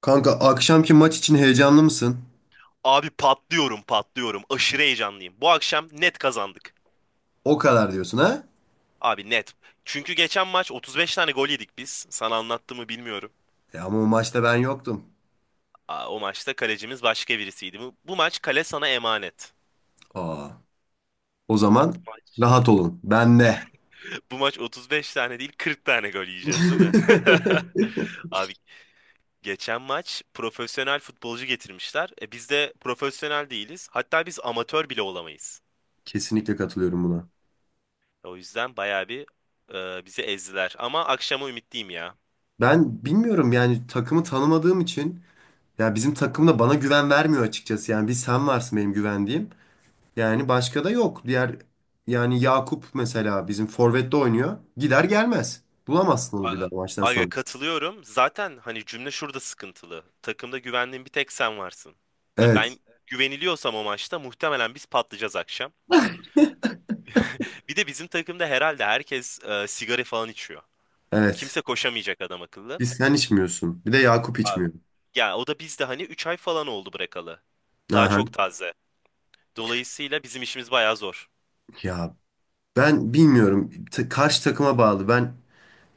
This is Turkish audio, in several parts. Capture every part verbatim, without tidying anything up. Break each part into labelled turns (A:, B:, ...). A: Kanka akşamki maç için heyecanlı mısın?
B: Abi patlıyorum patlıyorum. Aşırı heyecanlıyım. Bu akşam net kazandık.
A: O kadar diyorsun ha?
B: Abi net. Çünkü geçen maç otuz beş tane gol yedik biz. Sana anlattığımı bilmiyorum.
A: E ama o maçta ben yoktum.
B: Aa, o maçta kalecimiz başka birisiydi. Bu, bu maç kale sana emanet.
A: Aa, o zaman
B: Bu maç.
A: rahat olun. Ben de.
B: Bu maç otuz beş tane değil kırk tane gol yiyeceğiz, değil mi? Abi geçen maç profesyonel futbolcu getirmişler. E, biz de profesyonel değiliz. Hatta biz amatör bile olamayız.
A: Kesinlikle katılıyorum buna.
B: O yüzden bayağı bir e, bizi ezdiler. Ama akşama ümitliyim ya.
A: Ben bilmiyorum yani takımı tanımadığım için ya bizim takım da bana güven vermiyor açıkçası. Yani bir sen varsın benim güvendiğim. Yani başka da yok. Diğer yani Yakup mesela bizim forvette oynuyor. Gider gelmez. Bulamazsın onu bir daha
B: A-
A: maçtan
B: Aga
A: sonra.
B: katılıyorum. Zaten hani cümle şurada sıkıntılı. Takımda güvendiğin bir tek sen varsın. Ha,
A: Evet.
B: Ben güveniliyorsam o maçta muhtemelen biz patlayacağız akşam. Bir de bizim takımda herhalde herkes e, sigara falan içiyor.
A: Evet.
B: Kimse koşamayacak adam akıllı.
A: Biz sen içmiyorsun. Bir de Yakup
B: Abi.
A: içmiyor.
B: Ya o da bizde hani üç ay falan oldu bırakalı. Daha
A: Aha.
B: çok taze. Dolayısıyla bizim işimiz bayağı zor.
A: Ya ben bilmiyorum. Ta- karşı takıma bağlı. Ben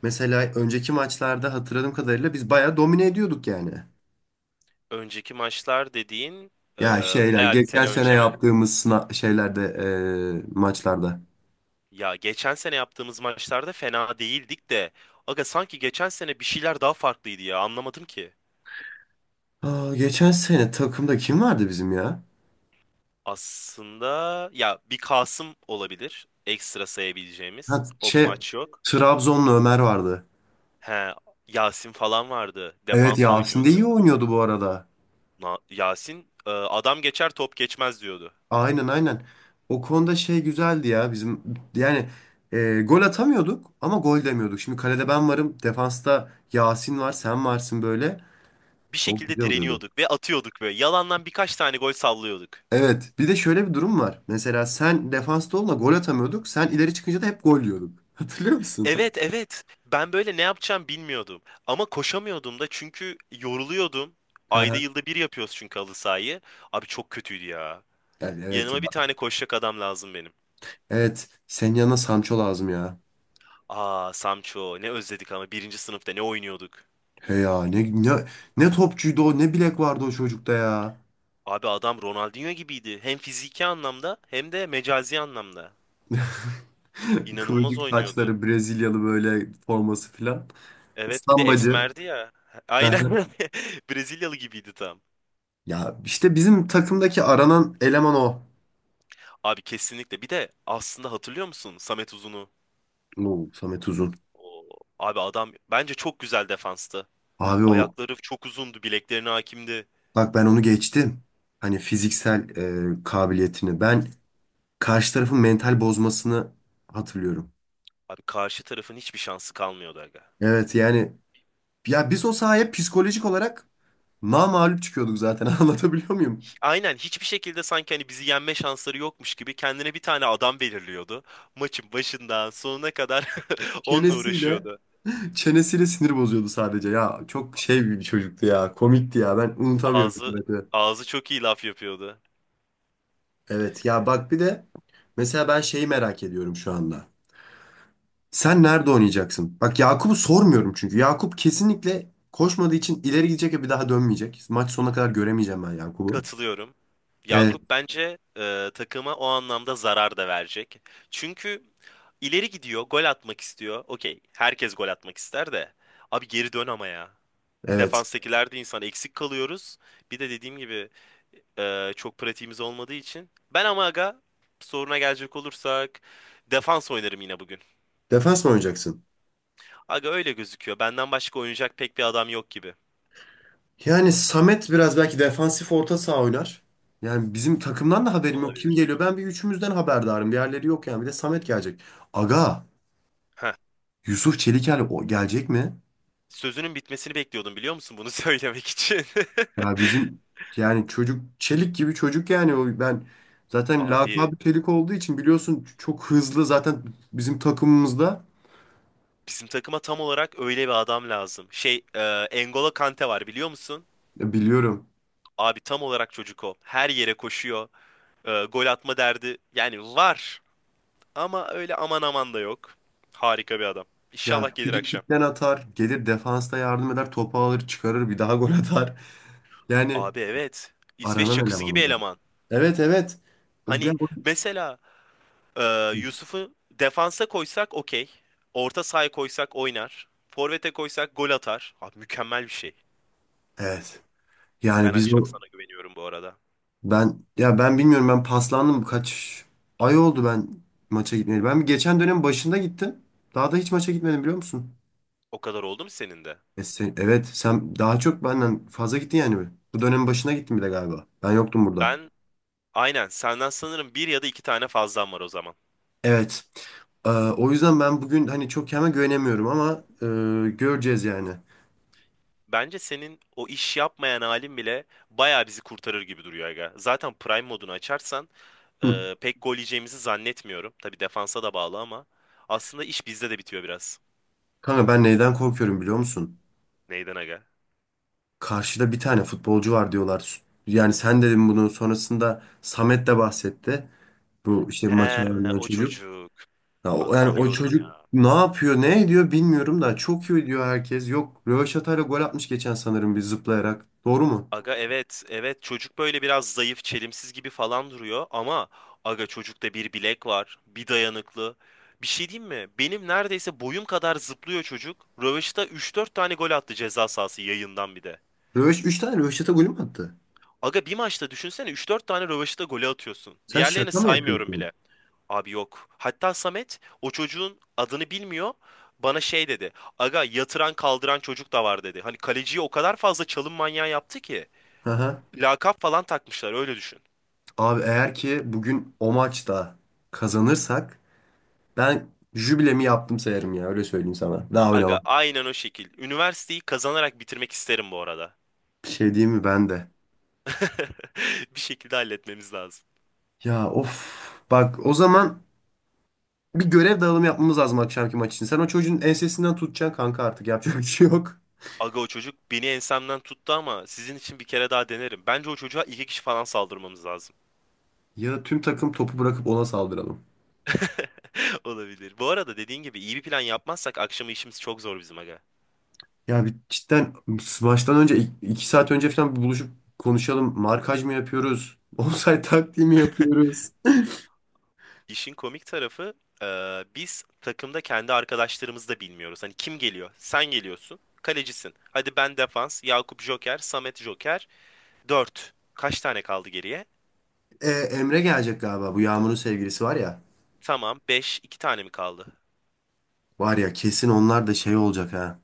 A: mesela önceki maçlarda hatırladığım kadarıyla biz bayağı domine ediyorduk yani.
B: Önceki maçlar dediğin e,
A: Ya şeyler
B: bayağı bir
A: geçen
B: sene
A: sene
B: önce mi?
A: yaptığımız sına şeylerde eee, maçlarda.
B: Ya geçen sene yaptığımız maçlarda fena değildik de, aga sanki geçen sene bir şeyler daha farklıydı ya, anlamadım ki.
A: Aa, geçen sene takımda kim vardı bizim ya?
B: Aslında ya bir Kasım olabilir ekstra
A: Ha,
B: sayabileceğimiz. O bu
A: şey
B: maç yok.
A: Trabzonlu Ömer vardı.
B: He, Yasin falan vardı.
A: Evet
B: Defans
A: Yasin de iyi
B: oynuyordu.
A: oynuyordu bu arada.
B: Na- Yasin e, adam geçer top geçmez diyordu.
A: Aynen aynen. O konuda şey güzeldi ya bizim yani e, gol atamıyorduk ama gol demiyorduk. Şimdi kalede ben varım, defansta Yasin var, sen varsın böyle.
B: Bir
A: O
B: şekilde
A: güzel oluyordu.
B: direniyorduk ve atıyorduk böyle. Yalandan birkaç tane gol sallıyorduk.
A: Evet, bir de şöyle bir durum var. Mesela sen defansta olma gol atamıyorduk. Sen ileri çıkınca da hep gol yiyorduk. Hatırlıyor musun?
B: Evet, evet. Ben böyle ne yapacağım bilmiyordum. Ama koşamıyordum da çünkü yoruluyordum.
A: Aha.
B: Ayda yılda bir yapıyoruz çünkü halı sahayı. Abi çok kötüydü ya.
A: Yani evet ya.
B: Yanıma bir tane koşacak adam lazım benim.
A: Evet, senin yanına Sancho lazım ya.
B: Aa, Samço, ne özledik ama birinci sınıfta ne oynuyorduk.
A: He ya ne, ne, ne topçuydu o, ne bilek vardı o çocukta ya.
B: Abi adam Ronaldinho gibiydi. Hem fiziki anlamda hem de mecazi anlamda. İnanılmaz
A: Kıvırcık
B: oynuyordu.
A: saçları, Brezilyalı böyle forması filan.
B: Evet, bir de
A: Stambacı.
B: esmerdi ya. Aynen.
A: Hı.
B: Brezilyalı gibiydi tam.
A: Ya işte bizim takımdaki aranan eleman o.
B: Abi kesinlikle. Bir de aslında hatırlıyor musun Samet Uzun'u?
A: Bu Samet Uzun.
B: Oo, abi adam bence çok güzel defanstı.
A: Abi o
B: Ayakları çok uzundu, bileklerine hakimdi.
A: bak ben onu geçtim. Hani fiziksel e, kabiliyetini. Ben karşı tarafın mental bozmasını hatırlıyorum.
B: Abi karşı tarafın hiçbir şansı kalmıyordu aga.
A: Evet yani ya biz o sahaya psikolojik olarak namağlup çıkıyorduk zaten anlatabiliyor muyum?
B: Aynen, hiçbir şekilde sanki hani bizi yenme şansları yokmuş gibi kendine bir tane adam belirliyordu. Maçın başından sonuna kadar onunla
A: Çenesiyle
B: uğraşıyordu.
A: Çenesiyle sinir bozuyordu sadece. Ya çok şey bir çocuktu ya. Komikti ya. Ben unutamıyorum.
B: Ağzı ağzı çok iyi laf yapıyordu.
A: Evet ya bak bir de mesela ben şeyi merak ediyorum şu anda. Sen nerede oynayacaksın? Bak Yakup'u sormuyorum çünkü. Yakup kesinlikle koşmadığı için ileri gidecek ve bir daha dönmeyecek. Maç sonuna kadar göremeyeceğim ben Yakup'u.
B: Katılıyorum.
A: Evet,
B: Yakup bence e, takıma o anlamda zarar da verecek. Çünkü ileri gidiyor, gol atmak istiyor. Okey, herkes gol atmak ister de. Abi geri dön ama ya.
A: evet.
B: Defanstakiler de insan, eksik kalıyoruz. Bir de dediğim gibi e, çok pratiğimiz olmadığı için. Ben ama aga, soruna gelecek olursak defans oynarım yine bugün.
A: Defans mı oynayacaksın?
B: Aga öyle gözüküyor. Benden başka oynayacak pek bir adam yok gibi.
A: Yani Samet biraz belki defansif orta saha oynar. Yani bizim takımdan da haberim yok. Kim
B: Olabilir.
A: geliyor? Ben bir üçümüzden haberdarım. Diğerleri yok yani. Bir de Samet gelecek. Aga,
B: Heh.
A: Yusuf Çeliker o gelecek mi?
B: Sözünün bitmesini bekliyordum, biliyor musun bunu söylemek için?
A: Ya bizim yani çocuk çelik gibi çocuk yani o ben zaten
B: Abi
A: lakabı çelik olduğu için biliyorsun çok hızlı zaten bizim takımımızda.
B: bizim takıma tam olarak öyle bir adam lazım. Şey, e, N'Golo Kante var biliyor musun?
A: Ya biliyorum.
B: Abi tam olarak çocuk o. Her yere koşuyor. E, gol atma derdi. Yani var. Ama öyle aman aman da yok. Harika bir adam.
A: Ya
B: İnşallah gelir
A: free
B: akşam.
A: kickten atar, gelir defansta yardım eder, topu alır, çıkarır, bir daha gol atar. Yani
B: Abi evet. İsveç
A: aranan
B: çakısı
A: eleman
B: gibi
A: o da.
B: eleman.
A: Evet evet. O
B: Hani
A: bir-
B: mesela e, Yusuf'u defansa koysak okey. Orta sahaya koysak oynar. Forvete koysak gol atar. Abi mükemmel bir şey.
A: Evet.
B: Ben
A: Yani biz
B: akşam
A: o
B: sana güveniyorum bu arada.
A: ben ya ben bilmiyorum ben paslandım kaç ay oldu ben maça gitmeyeli. Ben bir geçen dönem başında gittim. Daha da hiç maça gitmedim biliyor musun?
B: O kadar oldu mu senin de?
A: E sen- evet sen daha çok benden fazla gittin yani. Bu dönemin başına gittin bile galiba. Ben yoktum burada.
B: Ben aynen senden sanırım bir ya da iki tane fazlan var o zaman.
A: Evet. Ee, o yüzden ben bugün hani çok kendime güvenemiyorum ama e, göreceğiz yani.
B: Bence senin o iş yapmayan halin bile bayağı bizi kurtarır gibi duruyor aga. Zaten Prime modunu açarsan
A: Hı.
B: Ee, pek gol yiyeceğimizi zannetmiyorum. Tabii defansa da bağlı ama aslında iş bizde de bitiyor biraz.
A: Kanka ben neyden korkuyorum biliyor musun?
B: Neyden aga?
A: Karşıda bir tane futbolcu var diyorlar. Yani sen dedin bunu sonrasında Samet de bahsetti. Bu işte maçı
B: He,
A: oynayan
B: o
A: çocuk.
B: çocuk.
A: Ya, o-
B: Aga
A: yani o
B: biliyorum
A: çocuk
B: ya.
A: ne yapıyor ne ediyor bilmiyorum da çok iyi diyor herkes. Yok Röveşata'yla gol atmış geçen sanırım bir zıplayarak. Doğru mu?
B: Aga evet, evet çocuk böyle biraz zayıf, çelimsiz gibi falan duruyor ama aga çocukta bir bilek var, bir dayanıklı. Bir şey diyeyim mi? Benim neredeyse boyum kadar zıplıyor çocuk. Rövaşata üç dört tane gol attı ceza sahası yayından bir de.
A: Röveş, üç tane Röveşata golü mü attı?
B: Aga bir maçta düşünsene üç dört tane rövaşata golü atıyorsun.
A: Sen
B: Diğerlerini
A: şaka mı
B: saymıyorum
A: yapıyorsun?
B: bile. Abi yok. Hatta Samet o çocuğun adını bilmiyor. Bana şey dedi. Aga yatıran kaldıran çocuk da var dedi. Hani kaleciyi o kadar fazla çalım manyağı yaptı ki.
A: Aha.
B: Lakap falan takmışlar öyle düşün.
A: Abi eğer ki bugün o maçta kazanırsak ben jübilemi yaptım sayarım ya öyle söyleyeyim sana. Daha
B: Aga
A: oynamam.
B: aynen o şekil. Üniversiteyi kazanarak bitirmek isterim bu arada.
A: Bir şey diyeyim mi ben de.
B: Bir şekilde halletmemiz lazım.
A: Ya of. Bak o zaman bir görev dağılımı yapmamız lazım akşamki maç için. Sen o çocuğun ensesinden tutacaksın kanka artık yapacak bir şey yok.
B: Aga o çocuk beni ensemden tuttu ama sizin için bir kere daha denerim. Bence o çocuğa iki kişi falan saldırmamız lazım.
A: Ya da tüm takım topu bırakıp ona saldıralım.
B: Olabilir. Bu arada dediğin gibi iyi bir plan yapmazsak akşama işimiz çok zor bizim aga.
A: Ya bir cidden maçtan önce ik- iki saat önce falan bir buluşup konuşalım. Markaj mı yapıyoruz? Offside taktiği mi yapıyoruz?
B: İşin komik tarafı e, biz takımda kendi arkadaşlarımızı da bilmiyoruz. Hani kim geliyor? Sen geliyorsun. Kalecisin. Hadi ben defans. Yakup joker. Samet joker. Dört. Kaç tane kaldı geriye?
A: E, Emre gelecek galiba. Bu Yağmur'un sevgilisi var ya.
B: Tamam, beş. iki tane mi kaldı?
A: Var ya kesin onlar da şey olacak ha.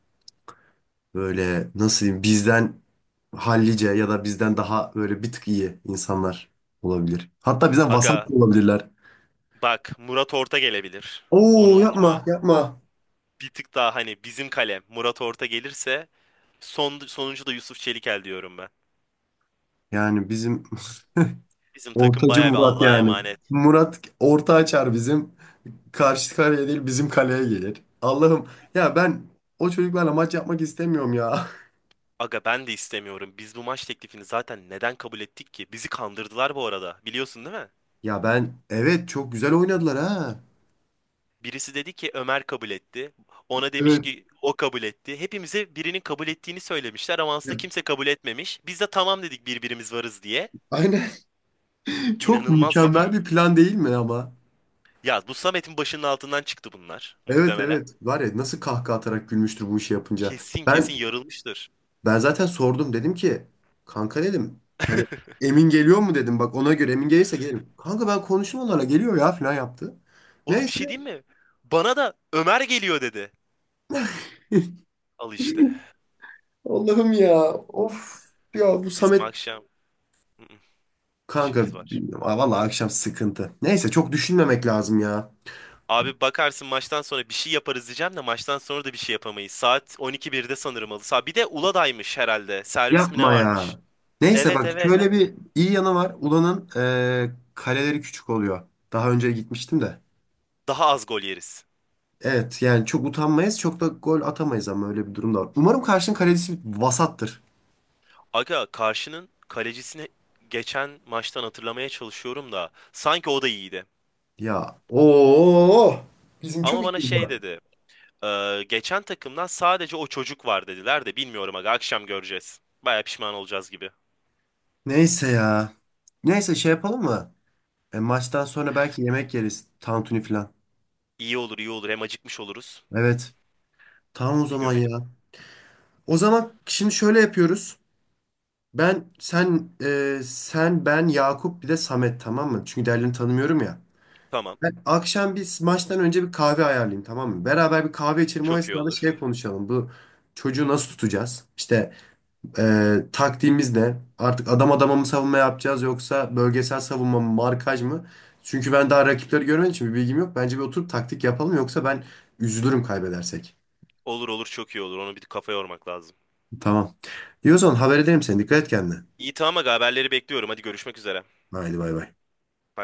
A: Böyle nasıl diyeyim bizden hallice ya da bizden daha böyle bir tık iyi insanlar olabilir. Hatta bizden vasat
B: Aga
A: da olabilirler.
B: bak, Murat Orta gelebilir.
A: Oo
B: Onu unutma.
A: yapma yapma.
B: Bir tık daha hani bizim kalem Murat Orta gelirse son, sonuncu da Yusuf Çelikel diyorum ben.
A: Yani bizim
B: Bizim takım
A: ortacı
B: bayağı bir
A: Murat
B: Allah'a
A: yani.
B: emanet.
A: Murat orta açar bizim. Karşı kaleye değil bizim kaleye gelir. Allah'ım ya ben o çocuklarla maç yapmak istemiyorum ya.
B: Aga ben de istemiyorum. Biz bu maç teklifini zaten neden kabul ettik ki? Bizi kandırdılar bu arada. Biliyorsun değil mi?
A: Ya ben evet çok güzel oynadılar ha.
B: Birisi dedi ki Ömer kabul etti. Ona demiş
A: Evet.
B: ki o kabul etti. Hepimize birinin kabul ettiğini söylemişler ama aslında
A: Ya,
B: kimse kabul etmemiş. Biz de tamam dedik birbirimiz varız diye.
A: aynen. Çok
B: İnanılmaz bir
A: mükemmel
B: durum.
A: bir plan değil mi ama?
B: Ya bu Samet'in başının altından çıktı bunlar
A: Evet
B: muhtemelen.
A: evet. Var ya nasıl kahkaha atarak gülmüştür bu işi yapınca.
B: Kesin,
A: Ben
B: kesin yarılmıştır.
A: ben zaten sordum dedim ki kanka dedim hani Emin geliyor mu dedim bak ona göre Emin gelirse gelirim. Kanka ben konuştum onlarla geliyor ya falan yaptı.
B: Oğlum bir şey
A: Neyse.
B: diyeyim mi? Bana da Ömer geliyor dedi. Al işte.
A: Allah'ım ya. Of. Ya bu
B: Bizim
A: Samet
B: akşam
A: kanka
B: işimiz var.
A: bilmiyorum. Aa, vallahi akşam sıkıntı. Neyse çok düşünmemek lazım ya.
B: Abi bakarsın maçtan sonra bir şey yaparız diyeceğim de maçtan sonra da bir şey yapamayız. Saat on iki birde sanırım halı saha. Bir de Uluday'mış herhalde. Servis mi ne
A: Yapma
B: varmış?
A: ya. Neyse
B: Evet,
A: bak
B: evet.
A: şöyle bir iyi yanı var. Ulan'ın eee, kaleleri küçük oluyor. Daha önce gitmiştim de.
B: Daha az gol yeriz.
A: Evet yani çok utanmayız çok da gol atamayız ama öyle bir durum da var. Umarım karşının kalecisi vasattır.
B: Aga karşının kalecisini geçen maçtan hatırlamaya çalışıyorum da sanki o da iyiydi.
A: Ya ooo bizim
B: Ama
A: çok
B: bana
A: işimiz
B: şey
A: var.
B: dedi. "Ee, geçen takımdan sadece o çocuk var" dediler de bilmiyorum aga, akşam göreceğiz. Baya pişman olacağız gibi.
A: Neyse ya. Neyse şey yapalım mı? E, maçtan sonra belki yemek yeriz. Tantuni falan.
B: İyi olur, iyi olur, hem acıkmış oluruz.
A: Evet. Tamam o
B: Bir
A: zaman
B: gömelim.
A: ya. O zaman şimdi şöyle yapıyoruz. Ben sen e, sen ben Yakup bir de Samet tamam mı? Çünkü diğerlerini tanımıyorum ya.
B: Tamam.
A: Ben akşam biz maçtan önce bir kahve ayarlayayım tamam mı? Beraber bir kahve içelim o
B: Çok iyi
A: esnada
B: olur.
A: şey konuşalım. Bu çocuğu nasıl tutacağız? İşte e, taktiğimiz ne? Artık adam adama mı savunma yapacağız yoksa bölgesel savunma mı markaj mı? Çünkü ben daha rakipleri görmediğim için bir bilgim yok. Bence bir oturup taktik yapalım yoksa ben üzülürüm kaybedersek.
B: Olur, olur, çok iyi olur. Onu bir kafa yormak lazım.
A: Tamam. İyi o zaman haber ederim seni. Dikkat et kendine.
B: İyi, tamam aga, haberleri bekliyorum. Hadi, görüşmek üzere.
A: Haydi bay bay.